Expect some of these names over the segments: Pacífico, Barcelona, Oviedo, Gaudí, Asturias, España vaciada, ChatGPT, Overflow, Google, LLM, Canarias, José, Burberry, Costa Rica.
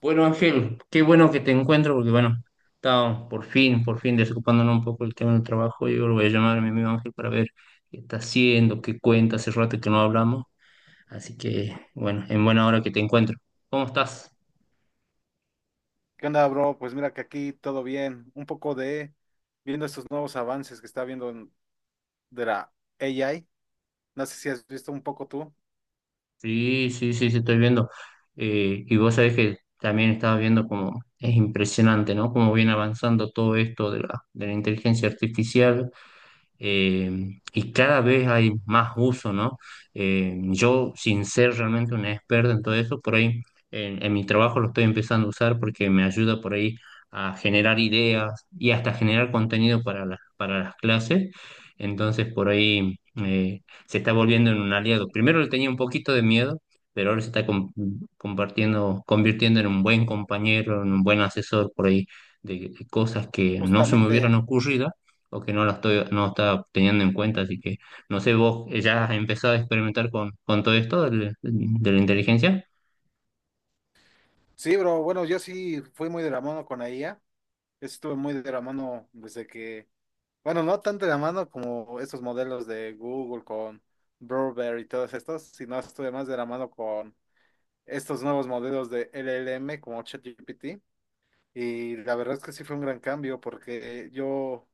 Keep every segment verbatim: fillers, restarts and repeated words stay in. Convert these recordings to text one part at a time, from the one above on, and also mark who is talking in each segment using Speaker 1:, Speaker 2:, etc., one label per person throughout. Speaker 1: Bueno, Ángel, qué bueno que te encuentro porque, bueno, estaba por fin, por fin desocupándonos un poco el tema del trabajo. Yo lo voy a llamar a mi amigo Ángel para ver qué está haciendo, qué cuenta, hace rato que no hablamos. Así que, bueno, en buena hora que te encuentro. ¿Cómo estás?
Speaker 2: ¿Qué onda, bro? Pues mira que aquí todo bien. Un poco de viendo estos nuevos avances que está viendo en- de la A I. No sé si has visto un poco tú.
Speaker 1: Sí, sí, sí, sí, estoy viendo. Eh, y vos sabés que también estaba viendo como es impresionante, ¿no? Cómo viene avanzando todo esto de la, de la inteligencia artificial, eh, y cada vez hay más uso, ¿no? Eh, yo, sin ser realmente un experto en todo eso, por ahí en, en mi trabajo lo estoy empezando a usar porque me ayuda por ahí a generar ideas y hasta generar contenido para las, para las clases. Entonces, por ahí eh, se está volviendo en un aliado. Primero le tenía un poquito de miedo, pero ahora se está com- compartiendo, convirtiendo en un buen compañero, en un buen asesor por ahí de de cosas que no se me hubieran
Speaker 2: Justamente,
Speaker 1: ocurrido o que no la estoy, no está teniendo en cuenta, así que no sé, vos eh, ya has empezado a experimentar con, con todo esto del- de la inteligencia.
Speaker 2: sí, bro. Bueno, yo sí fui muy de la mano con la I A. Estuve muy de la mano desde que, bueno, no tanto de la mano como estos modelos de Google con Burberry y todos estos, sino estuve más de la mano con estos nuevos modelos de L L M como ChatGPT. Y la verdad es que sí fue un gran cambio porque eh, yo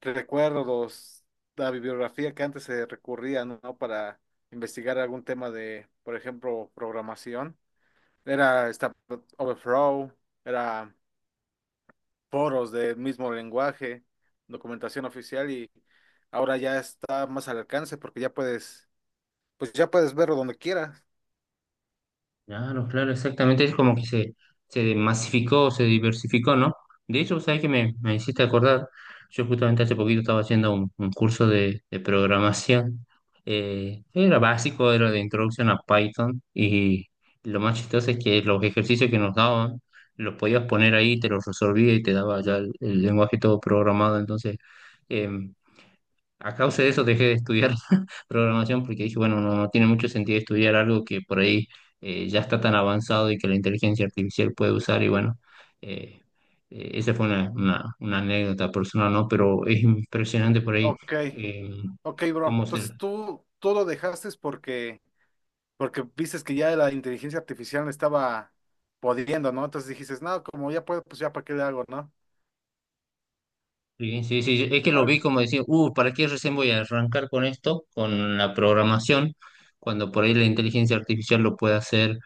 Speaker 2: recuerdo los, la bibliografía que antes se recurría, ¿no? ¿no? Para investigar algún tema de, por ejemplo, programación. Era esta Overflow, era foros del mismo lenguaje, documentación oficial y ahora ya está más al alcance porque ya puedes, pues ya puedes verlo donde quieras.
Speaker 1: Claro, claro, exactamente. Es como que se, se masificó, se diversificó, ¿no? De hecho, ¿sabes qué me, me hiciste acordar? Yo justamente hace poquito estaba haciendo un, un curso de, de programación. Eh, era básico, era de introducción a Python. Y lo más chistoso es que los ejercicios que nos daban, los podías poner ahí, te los resolvía y te daba ya el, el lenguaje todo programado. Entonces, em, a causa de eso dejé de estudiar programación porque dije, bueno, no, no tiene mucho sentido estudiar algo que por ahí eh, ya está tan avanzado y que la inteligencia artificial puede usar y bueno, eh, eh, esa fue una, una- una anécdota personal, ¿no? Pero es impresionante por ahí
Speaker 2: Ok,
Speaker 1: eh,
Speaker 2: ok, bro.
Speaker 1: cómo se,
Speaker 2: Entonces tú, tú lo dejaste porque Porque viste que ya la inteligencia artificial me estaba podiendo, ¿no? Entonces dijiste, no, como ya puedo, pues ya para qué le hago, ¿no?
Speaker 1: Sí, sí, sí, es que lo
Speaker 2: Al-
Speaker 1: vi como decir, uh, ¿para qué recién voy a arrancar con esto, con la programación, cuando por ahí la inteligencia artificial lo puede hacer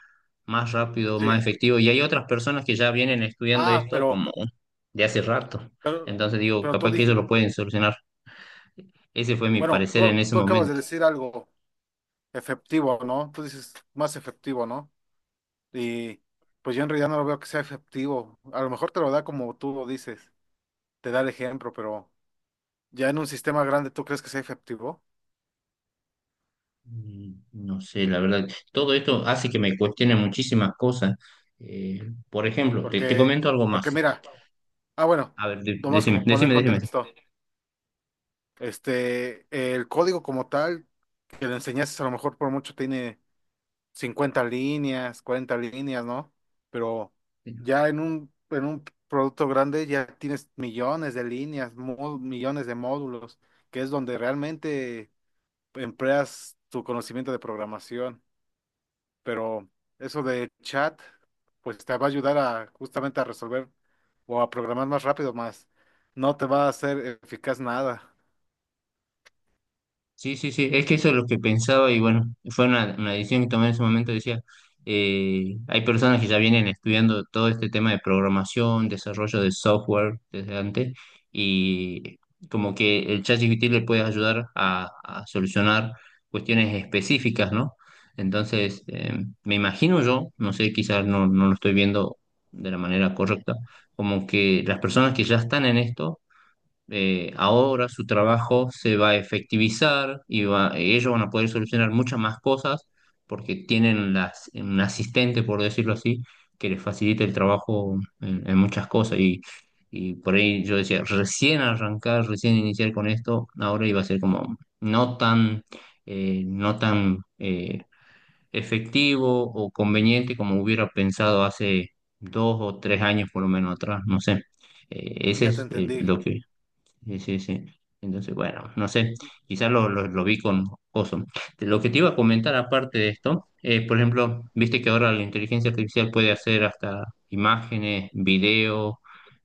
Speaker 1: más rápido,
Speaker 2: sí.
Speaker 1: más efectivo? Y hay otras personas que ya vienen estudiando
Speaker 2: Ah,
Speaker 1: esto
Speaker 2: pero,
Speaker 1: como de hace rato.
Speaker 2: pero,
Speaker 1: Entonces digo,
Speaker 2: pero tú
Speaker 1: capaz que ellos
Speaker 2: dijiste,
Speaker 1: lo pueden solucionar. Ese fue mi
Speaker 2: bueno,
Speaker 1: parecer
Speaker 2: tú,
Speaker 1: en ese
Speaker 2: tú acabas de
Speaker 1: momento.
Speaker 2: decir algo efectivo, ¿no? Tú dices más efectivo, ¿no? Y pues yo en realidad no lo veo que sea efectivo. A lo mejor te lo da como tú lo dices, te da el ejemplo, pero ya en un sistema grande, ¿tú crees que sea efectivo?
Speaker 1: Mm, No sé, la verdad, todo esto hace que me cuestione muchísimas cosas. Eh, por ejemplo, te, te
Speaker 2: Porque,
Speaker 1: comento algo
Speaker 2: porque
Speaker 1: más.
Speaker 2: mira, ah, bueno,
Speaker 1: A ver, de-
Speaker 2: nomás
Speaker 1: decime,
Speaker 2: como poner
Speaker 1: decime, decime.
Speaker 2: contexto. Este, el código como tal que le enseñaste a lo mejor por mucho tiene cincuenta líneas, cuarenta líneas, ¿no? Pero ya en un, en un producto grande ya tienes millones de líneas, mo- millones de módulos, que es donde realmente empleas tu conocimiento de programación. Pero eso de chat, pues te va a ayudar a justamente a resolver o a programar más rápido, más no te va a hacer eficaz nada.
Speaker 1: Sí, sí, sí, es que eso es lo que pensaba y bueno, fue una, una decisión que tomé en ese momento, decía, eh, hay personas que ya vienen estudiando todo este tema de programación, desarrollo de software desde antes y como que el ChatGPT le puede ayudar a, a solucionar cuestiones específicas, ¿no? Entonces, eh, me imagino yo, no sé, quizás no, no lo estoy viendo de la manera correcta, como que las personas que ya están en esto eh, ahora su trabajo se va a efectivizar y va- ellos van a poder solucionar muchas más cosas porque tienen las, un asistente, por decirlo así, que les facilita el trabajo en, en muchas cosas. Y, y por ahí yo decía, recién arrancar, recién iniciar con esto, ahora iba a ser como no tan, eh, no tan eh, efectivo o conveniente como hubiera pensado hace dos o tres años por lo menos atrás, no sé. Eh, ese
Speaker 2: Ya te
Speaker 1: es eh,
Speaker 2: entendí.
Speaker 1: lo que Sí, sí, sí. Entonces, bueno, no sé, quizás lo, lo, lo vi con oso. Lo que te iba a comentar aparte de esto, eh, por ejemplo, viste que ahora la inteligencia artificial puede hacer hasta imágenes, videos,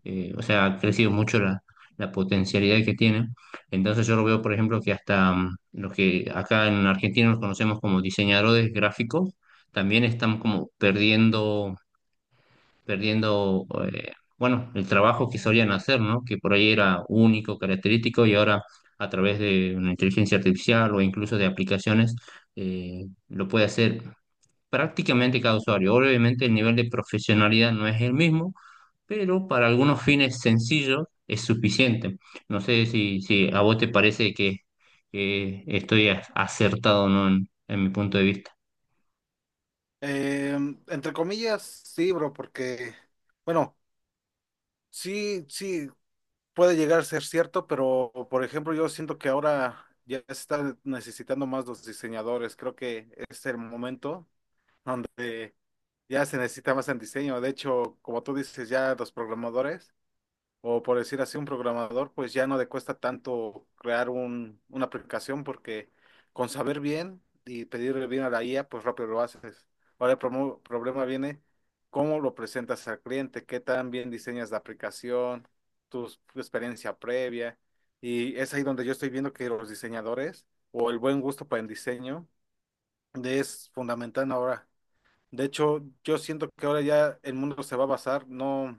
Speaker 1: eh, o sea, ha crecido mucho la, la potencialidad que tiene. Entonces yo lo veo, por ejemplo, que hasta mm, los que acá en Argentina nos conocemos como diseñadores gráficos, también están como perdiendo perdiendo, eh, bueno, el trabajo que solían hacer, ¿no? Que por ahí era único, característico, y ahora a través de una inteligencia artificial o incluso de aplicaciones, eh, lo puede hacer prácticamente cada usuario. Obviamente el nivel de profesionalidad no es el mismo, pero para algunos fines sencillos es suficiente. No sé si, si a vos te parece que, que estoy a- acertado o no en en mi punto de vista.
Speaker 2: Eh, entre comillas, sí, bro, porque, bueno, sí, sí, puede llegar a ser cierto, pero, por ejemplo, yo siento que ahora ya se está necesitando más los diseñadores. Creo que es el momento donde ya se necesita más en diseño. De hecho, como tú dices, ya los programadores. O por decir así, un programador, pues ya no le cuesta tanto crear un, una aplicación porque con saber bien y pedirle bien a la I A, pues rápido lo haces. Ahora el promo- problema viene cómo lo presentas al cliente, qué tan bien diseñas la aplicación, tu, s- tu experiencia previa. Y es ahí donde yo estoy viendo que los diseñadores o el buen gusto para el diseño es fundamental ahora. De hecho, yo siento que ahora ya el mundo se va a basar, no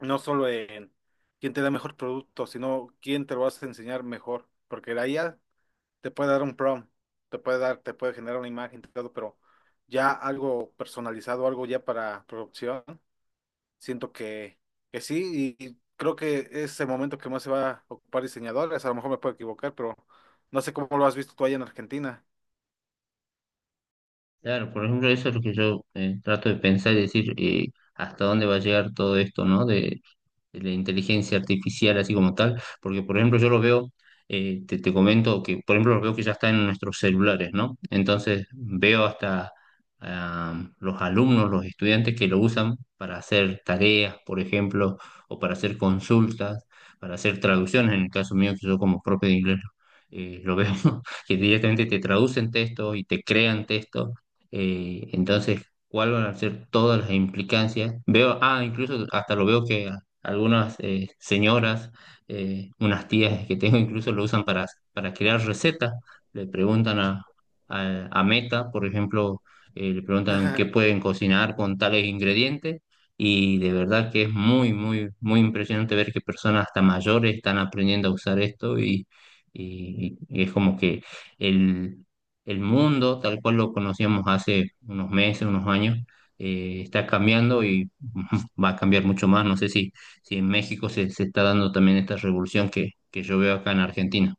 Speaker 2: no solo en quién te da mejor producto, sino quién te lo vas a enseñar mejor, porque la I A te puede dar un prompt, te puede dar, te puede generar una imagen, todo, pero ya algo personalizado, algo ya para producción, siento que, que sí, y, y creo que es el momento que más se va a ocupar diseñadores, a lo mejor me puedo equivocar, pero no sé cómo lo has visto tú allá en Argentina.
Speaker 1: Claro, por ejemplo, eso es lo que yo eh, trato de pensar y decir eh, hasta dónde va a llegar todo esto, ¿no? De, la inteligencia artificial así como tal, porque por ejemplo yo lo veo, eh, te, te comento que por ejemplo lo veo que ya está en nuestros celulares, ¿no? Entonces veo hasta ah, los alumnos, los estudiantes que lo usan para hacer tareas, por ejemplo, o para hacer consultas, para hacer traducciones, en el caso mío que yo como propio de inglés. eh, lo veo que directamente te traducen textos y te crean textos. eh, entonces, ¿cuáles van a ser todas las implicancias? Veo, ah, incluso hasta lo veo que algunas eh, señoras, eh, unas tías que tengo incluso lo usan para, para crear recetas. Le preguntan a, a- a Meta, por ejemplo, eh, le preguntan qué pueden cocinar con tales ingredientes y de verdad que es muy, muy, muy impresionante ver que personas hasta mayores están aprendiendo a usar esto y, y- y es como que el, el mundo, tal cual lo conocíamos hace unos meses, unos años, eh, está cambiando y va a cambiar mucho más. No sé si si en México se, se está dando también esta revolución que, que yo veo acá en Argentina.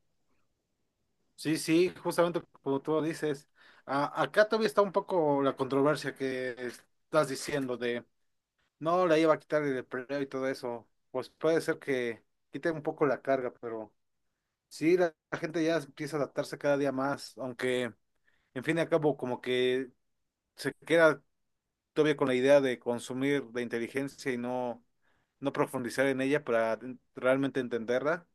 Speaker 2: Sí, sí, justamente como tú dices. A- acá todavía está un poco la controversia que estás diciendo de no, la iba a quitar el empleo y todo eso. Pues puede ser que quite un poco la carga, pero sí, la, la gente ya empieza a adaptarse cada día más, aunque en fin y al cabo como que se queda todavía con la idea de consumir la inteligencia y no, no profundizar en ella para realmente entenderla.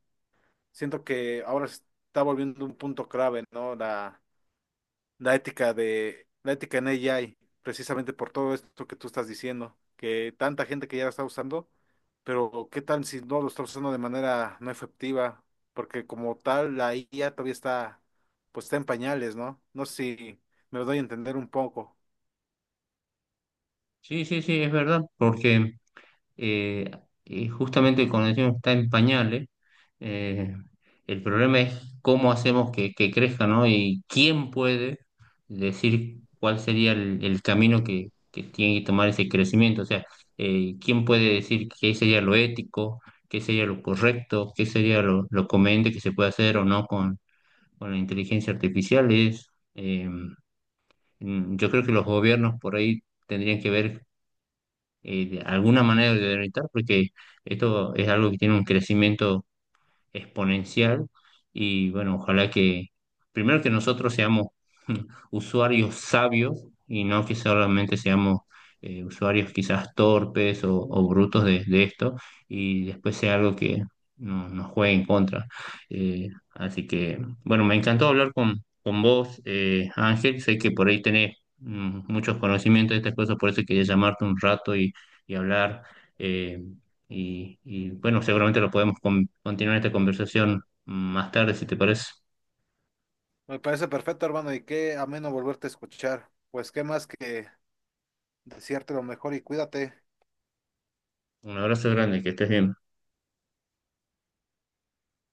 Speaker 2: Siento que ahora se está volviendo un punto clave, ¿no? La, la ética de la ética en A I, precisamente por todo esto que tú estás diciendo, que tanta gente que ya la está usando, pero ¿qué tal si no lo está usando de manera no efectiva? Porque como tal la I A todavía está, pues está en pañales, ¿no? No sé si me lo doy a entender un poco.
Speaker 1: Sí, sí, sí, es verdad, porque eh, eh, justamente cuando decimos está en pañales, eh, el problema es cómo hacemos que, que crezca, ¿no? Y quién puede decir cuál sería el, el camino que, que tiene que tomar ese crecimiento, o sea, eh, quién puede decir qué sería lo ético, qué sería lo correcto, qué sería lo, lo conveniente que se puede hacer o no. Bueno, inteligencia artificial es, eh, mm, yo creo que los gobiernos por ahí tendrían que ver eh, de alguna manera de orientar, porque esto es algo que tiene un crecimiento exponencial y bueno, ojalá que primero que nosotros seamos usuarios sabios y no que solamente seamos eh, usuarios quizás torpes o, o brutos de, de esto y después sea algo que no- nos juegue en contra. Eh, Así que, bueno, me encantó hablar con, con vos, eh, Ángel. Sé que por ahí tenés mm, muchos conocimientos de estas cosas, por eso quería llamarte un rato y, y hablar. eh, y, y, bueno, seguramente lo podemos con- continuar esta conversación mm, más tarde, si te parece.
Speaker 2: Me parece perfecto, hermano, y qué ameno volverte a escuchar. Pues qué más que desearte lo mejor y cuídate.
Speaker 1: Un abrazo grande, que estés bien.